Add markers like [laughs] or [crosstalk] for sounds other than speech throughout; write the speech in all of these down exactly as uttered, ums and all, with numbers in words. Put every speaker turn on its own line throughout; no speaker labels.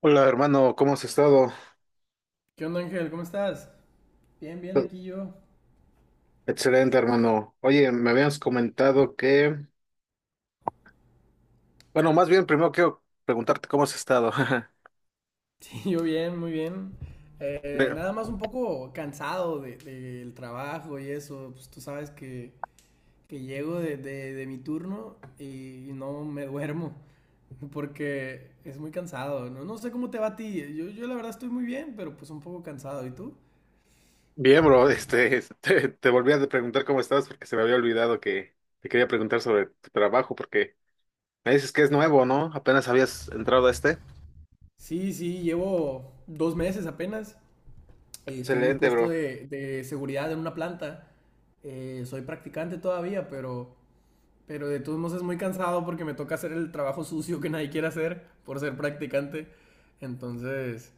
Hola hermano, ¿cómo has estado?
¿Qué onda, Ángel? ¿Cómo estás? Bien, bien, aquí yo. [laughs]
Excelente hermano. Oye, me habías comentado que, bueno, más bien primero quiero preguntarte cómo has estado. [laughs]
Sí, yo bien, muy bien. Eh,
Bien,
nada más un poco cansado de- del trabajo y eso. Pues tú sabes que, que llego de, de- de mi turno y, no me duermo porque es muy cansado. No, no sé cómo te va a ti. Yo, yo la verdad estoy muy bien, pero pues un poco cansado. ¿Y tú?
bien, bro, este, [laughs] te, te volví a preguntar cómo estabas porque se me había olvidado que te quería preguntar sobre tu trabajo porque me dices que es nuevo, ¿no? Apenas habías entrado a este.
Sí, sí, llevo dos meses apenas. Eh, Estoy en un
Excelente,
puesto
bro.
de, de seguridad en una planta. Eh, soy practicante todavía, pero... Pero de todos modos es muy cansado porque me toca hacer el trabajo sucio que nadie quiere hacer por ser practicante. Entonces,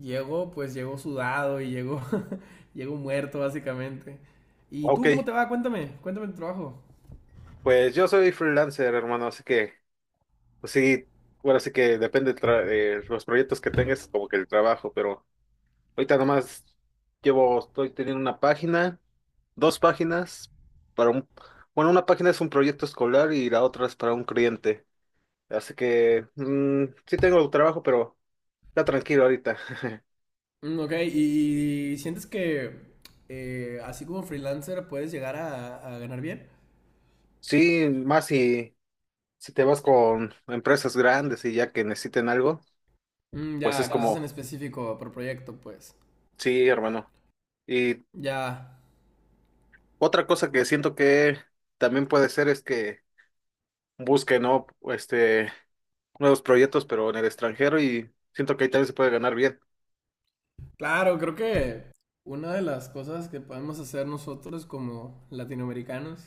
llego, pues llego sudado y llego, [laughs] llego muerto básicamente. ¿Y tú cómo
Ok,
te va? Cuéntame, cuéntame tu trabajo.
pues yo soy freelancer, hermano, así que, pues sí, bueno, así que depende de los proyectos que tengas, como que el trabajo, pero... Ahorita nomás llevo, estoy teniendo una página, dos páginas para un, bueno, una página es un proyecto escolar y la otra es para un cliente. Así que mm, sí tengo trabajo, pero está tranquilo ahorita. [laughs]
Mm, ok, ¿y sientes que eh, así como freelancer puedes llegar a, a ganar bien?
Sí, más si, si te vas con empresas grandes y ya que necesiten algo,
Mm,
pues es
ya, cosas
claro.
en
Como,
específico por proyecto, pues.
sí, hermano. Y
Ya,
otra cosa que siento que también puede ser es que busquen, ¿no? Este, nuevos proyectos, pero en el extranjero y siento que ahí también se puede ganar bien.
claro, creo que una de las cosas que podemos hacer nosotros como latinoamericanos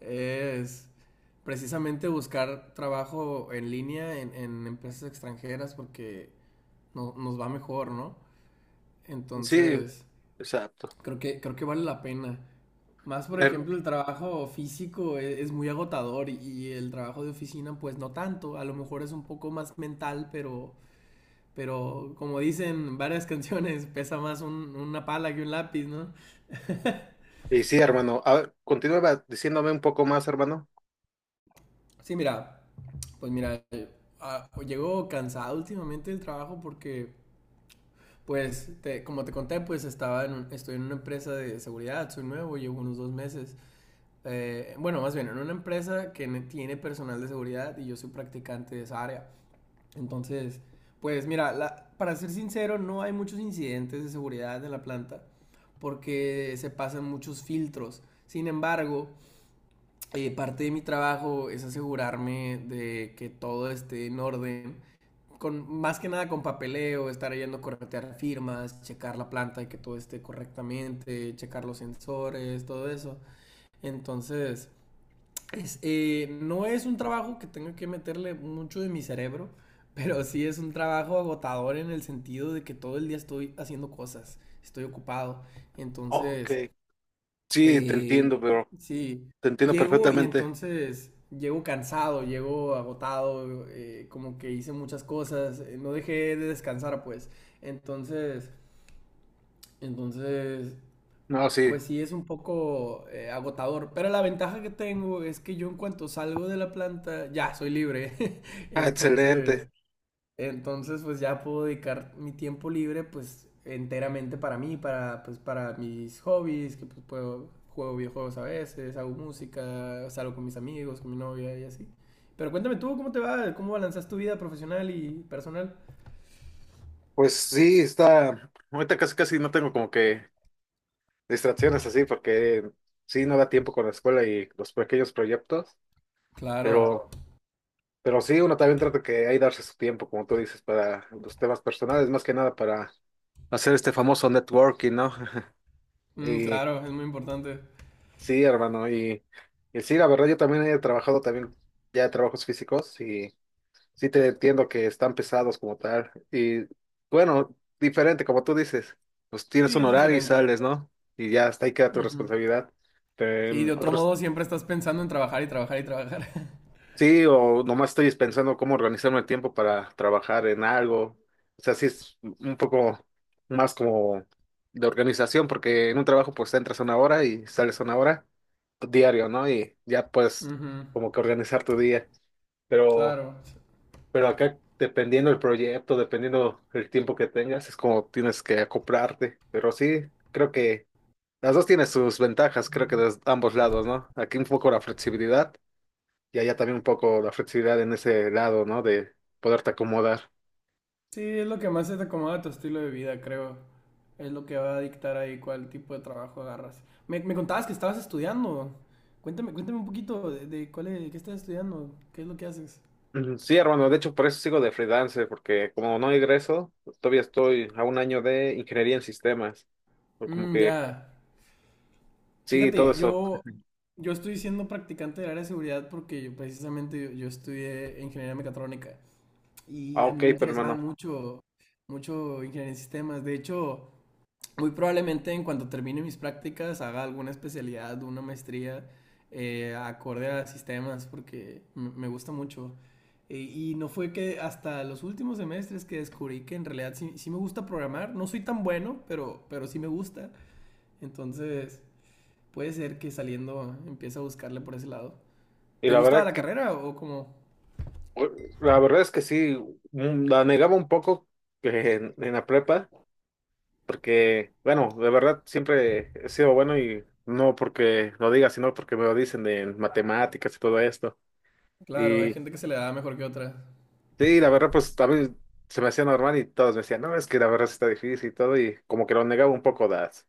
es precisamente buscar trabajo en línea en, en empresas extranjeras porque no- nos va mejor, ¿no?
Sí,
Entonces,
exacto.
creo que, creo que vale la pena. Más, por
Bueno,
ejemplo, el trabajo físico e- es, muy agotador y, y el trabajo de oficina, pues no tanto. A lo mejor es un poco más mental, pero pero como dicen varias [laughs] canciones, pesa más un- una pala que un lápiz, ¿no?
y sí, hermano. A ver, continúa diciéndome un poco más, hermano.
Sí, mira, pues mira, ah, llego cansado últimamente del trabajo porque, pues, te- como te conté, pues estaba en un- estoy en una empresa de seguridad, soy nuevo, llevo unos dos meses. Eh, bueno, más bien, en una empresa que tiene personal de seguridad y yo soy practicante de esa área. Entonces, pues mira, la- para ser sincero, no hay muchos incidentes de seguridad en la planta porque se pasan muchos filtros. Sin embargo, eh, parte de mi trabajo es asegurarme de que todo esté en orden, con, más que nada con papeleo, estar yendo a corretear firmas, checar la planta y que todo esté correctamente, checar los sensores, todo eso. Entonces, es, eh, no es un trabajo que tenga que meterle mucho de mi cerebro, [laughs] pero sí es un trabajo agotador en el sentido de que todo el día estoy haciendo cosas, estoy ocupado.
Ok.
Entonces,
Sí, te
eh,
entiendo, pero
sí,
te entiendo
llego y
perfectamente.
entonces llego cansado, llego agotado, eh, como que hice muchas cosas, eh, no dejé de descansar, pues. Entonces, entonces,
No, sí.
pues sí es un poco eh, agotador, pero la ventaja que tengo es que yo en cuanto salgo de la planta ya soy libre. [laughs]
Ah, excelente.
Entonces, entonces, pues ya puedo dedicar mi tiempo libre, pues enteramente para mí, para, pues, para mis hobbies, que pues puedo, juego videojuegos a veces, hago música, salgo con mis amigos, con mi novia y así. Pero cuéntame tú, ¿cómo te va? ¿Cómo balanceas tu vida profesional y personal?
Pues sí, está, ahorita casi casi no tengo como que distracciones así, porque sí, no da tiempo con la escuela y los pequeños proyectos,
Claro.
pero, pero sí, uno también trata que ahí darse su tiempo, como tú dices, para los temas personales, más que nada para hacer este famoso networking, ¿no? [laughs]
Mm,
Y
claro, es muy importante.
sí, hermano, y, y sí, la verdad, yo también he trabajado también ya trabajos físicos. Sí te entiendo que están pesados como tal. Y bueno, diferente, como tú dices, pues tienes
Sí,
un
es
horario y
diferente.
sales, ¿no? Y ya hasta ahí queda tu
Ujú.
responsabilidad. Pero
Sí,
en
de otro
otros,
modo siempre estás pensando en trabajar y trabajar y trabajar. [laughs]
sí, o nomás estoy pensando cómo organizarme el tiempo para trabajar en algo. O sea, sí es un poco más como de organización, porque en un trabajo pues entras una hora y sales una hora diario, ¿no? Y ya pues
Ujú.
como que organizar tu día. Pero
Claro.
Pero acá, dependiendo del proyecto, dependiendo el tiempo que tengas, es como tienes que acoplarte. Pero sí, creo que las dos tienen sus ventajas, creo que de ambos lados, ¿no? Aquí un poco la flexibilidad y allá también un poco la flexibilidad en ese lado, ¿no? De poderte acomodar.
Sí, es lo que más se te acomoda a tu estilo de vida, creo. Es lo que va a dictar ahí cuál tipo de trabajo agarras. Me, me contabas que estabas estudiando. Cuéntame, cuéntame un poquito de, de cuál es- de qué estás estudiando, qué es lo que haces.
Ujú. Sí, hermano, de hecho por eso sigo de freelance, porque como no egreso, todavía estoy a un año de ingeniería en sistemas. O como
Mm,
que,
ya.
sí, todo
Fíjate,
eso.
yo, yo estoy siendo practicante del área de seguridad porque yo, precisamente yo, yo estudié ingeniería mecatrónica
Ah,
y a mí
ok,
me
pero
interesaba
hermano.
mucho, mucho ingeniería en sistemas. De hecho, muy probablemente en cuanto termine mis prácticas haga alguna especialidad, una maestría eh, acorde a sistemas porque me gusta mucho. Eh, y no fue que hasta los últimos semestres que descubrí que en realidad sí, sí, me gusta programar. No soy tan bueno, pero, pero sí me gusta. Entonces puede ser que saliendo empiece a buscarle por ese lado.
Y
¿Te
la
gusta
verdad,
la
que
carrera o cómo
bueno, la verdad es que sí, mm, la negaba un poco eh, en, en la prepa, porque, bueno, de verdad siempre he sido bueno y no porque lo diga, sino porque me lo dicen de matemáticas y todo esto.
Claro, hay
Y
gente que se le da mejor que otra.
sí, la verdad, pues a mí se me hacía normal y todos me decían, no, es que la verdad sí está difícil y todo, y como que lo negaba un poco las,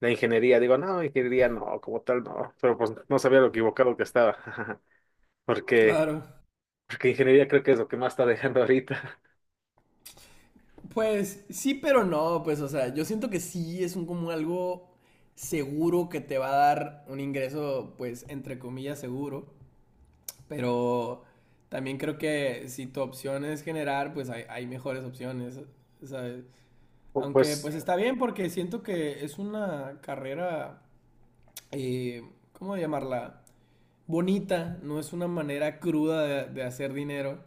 la ingeniería. Digo, no, ingeniería no, como tal no, pero pues no sabía lo equivocado que estaba, [laughs] porque,
Claro.
porque ingeniería creo que es lo que más está dejando ahorita.
Pues sí, pero no, pues o sea, yo siento que sí es un como algo seguro que te va a dar un ingreso, pues entre comillas seguro, pero también creo que si tu opción es generar, pues hay, hay mejores opciones, ¿sabes?
[laughs] Pu-
Aunque
pues.
pues está bien porque siento que es una carrera, eh, ¿cómo llamarla? Bonita, no es una manera cruda de, de hacer dinero.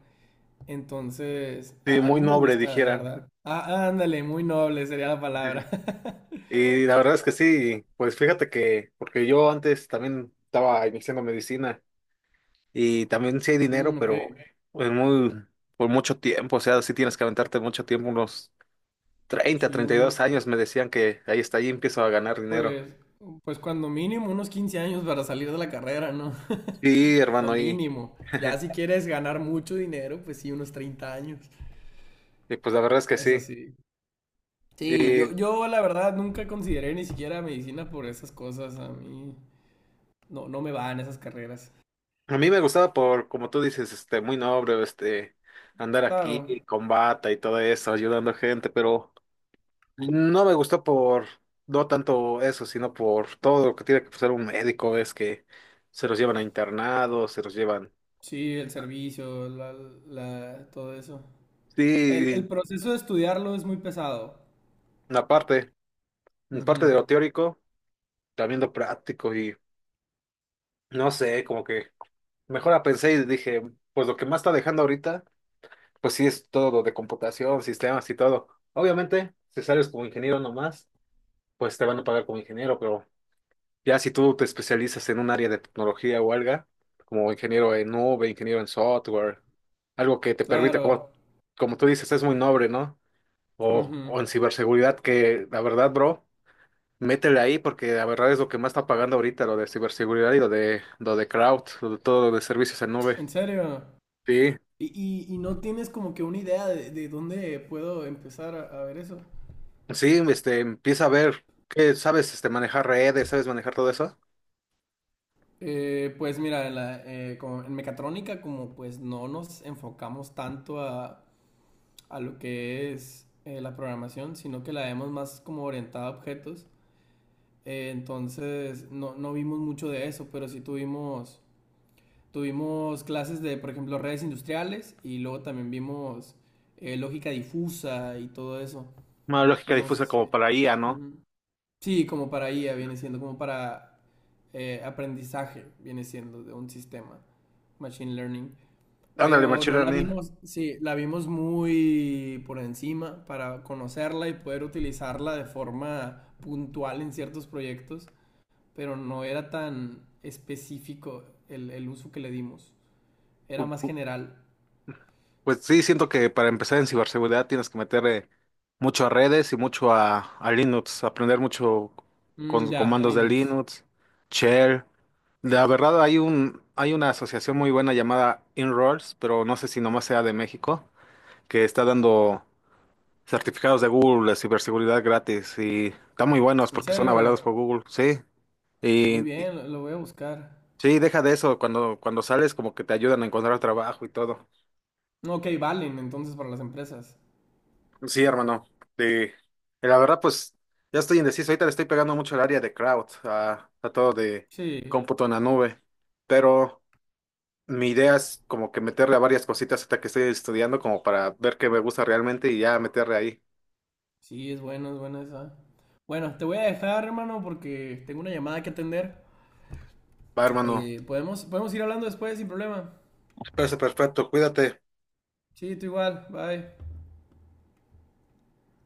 Entonces,
Sí,
a, a
muy
mí me
noble,
gusta, la
dijeran.
verdad. Ah, ándale, muy noble sería la palabra.
[laughs]
[laughs]
Y la verdad es que sí, pues fíjate que, porque yo antes también estaba iniciando medicina y también sí hay
Mm,
dinero,
ok,
pero pues muy, por mucho tiempo, o sea, sí tienes que aventarte mucho tiempo, unos treinta
sí,
treinta y dos
uno,
años me decían que ahí está, ahí empiezo a ganar dinero.
pues, pues cuando mínimo unos quince años para salir de la carrera, ¿no?
Sí,
[laughs] Como
hermano, y,
mínimo. Ya si
[laughs]
quieres ganar mucho dinero, pues sí, unos treinta años.
y pues la verdad es que
Es
sí.
así. Sí, yo,
Y
yo la verdad nunca consideré ni siquiera medicina por esas cosas. A mí no, no me van esas carreras.
a mí me gustaba por, como tú dices, este, muy noble, este, andar
Claro,
aquí con bata y todo eso, ayudando gente, pero... No me gustó por, no tanto eso, sino por todo lo que tiene que pasar un médico, es que se los llevan a internados, se los llevan.
sí, el servicio, la, la, todo eso. El, el
Sí,
proceso de estudiarlo es muy pesado.
la parte, la parte
Ujú.
de lo teórico, también lo práctico y no sé, como que mejor la pensé y dije, pues lo que más está dejando ahorita, pues sí es todo lo de computación, sistemas y todo. Obviamente, si sales como ingeniero nomás, pues te van a pagar como ingeniero, pero ya si tú te especializas en un área de tecnología o algo, como ingeniero en nube, ingeniero en software, algo que te permita,
Claro.
como, como tú dices, es muy noble, ¿no? O,
Ujú.
o en ciberseguridad, que la verdad, bro, métele ahí porque la verdad es lo que más está pagando ahorita, lo de ciberseguridad y lo de, lo de cloud, lo de todo lo de servicios en nube.
¿En serio?
Sí,
¿Y, y- Y no tienes como que una idea de, de dónde puedo empezar a, a ver eso?
sí, este, empieza a ver que sabes, este, manejar redes, sabes manejar todo eso.
Eh, pues mira, en, la- eh, como en mecatrónica como pues no nos enfocamos tanto a, a lo que es eh, la programación, sino que la vemos más como orientada a objetos. Eh, entonces no, no vimos mucho de eso, pero sí tuvimos tuvimos clases de, por ejemplo, redes industriales y luego también vimos eh, lógica difusa y todo eso.
Una lógica
No sé
difusa
si...
como para I A, ¿no?
Ujú. Sí, como para I A viene siendo, como para eh, aprendizaje viene siendo de un sistema, machine learning.
Ándale,
Pero
machine
no la
learning.
vimos, sí, la vimos muy por encima para conocerla y poder utilizarla de forma puntual en ciertos proyectos, pero no era tan específico el, el uso que le dimos, era más general.
Pues sí, siento que para empezar en ciberseguridad tienes que meter eh, mucho a redes y mucho a, a Linux, aprender mucho
Mm,
con
ya,
comandos de
Linux.
Linux, shell. La verdad hay un, hay una asociación muy buena llamada Inroads, pero no sé si nomás sea de México, que está dando certificados de Google de ciberseguridad gratis y están muy buenos
¿En
porque son avalados
serio?
por Google, sí.
Muy
Y, y-
bien, lo, lo voy a buscar.
sí, deja de eso, cuando, cuando sales como que te ayudan a encontrar trabajo y todo.
No, ok, valen entonces para las empresas.
Sí, hermano. De, de la verdad, pues ya estoy indeciso. Ahorita le estoy pegando mucho al área de cloud, a, a todo de
Sí,
cómputo en la nube. Pero mi idea es como que meterle a varias cositas hasta que estoy estudiando, como para ver qué me gusta realmente y ya meterle ahí.
sí, es bueno, es buena esa. Bueno, te voy a dejar, hermano, porque tengo una llamada que atender.
Va, hermano.
Eh, podemos, podemos ir hablando después sin problema.
Parece perfecto. Cuídate.
Sí, tú igual, bye.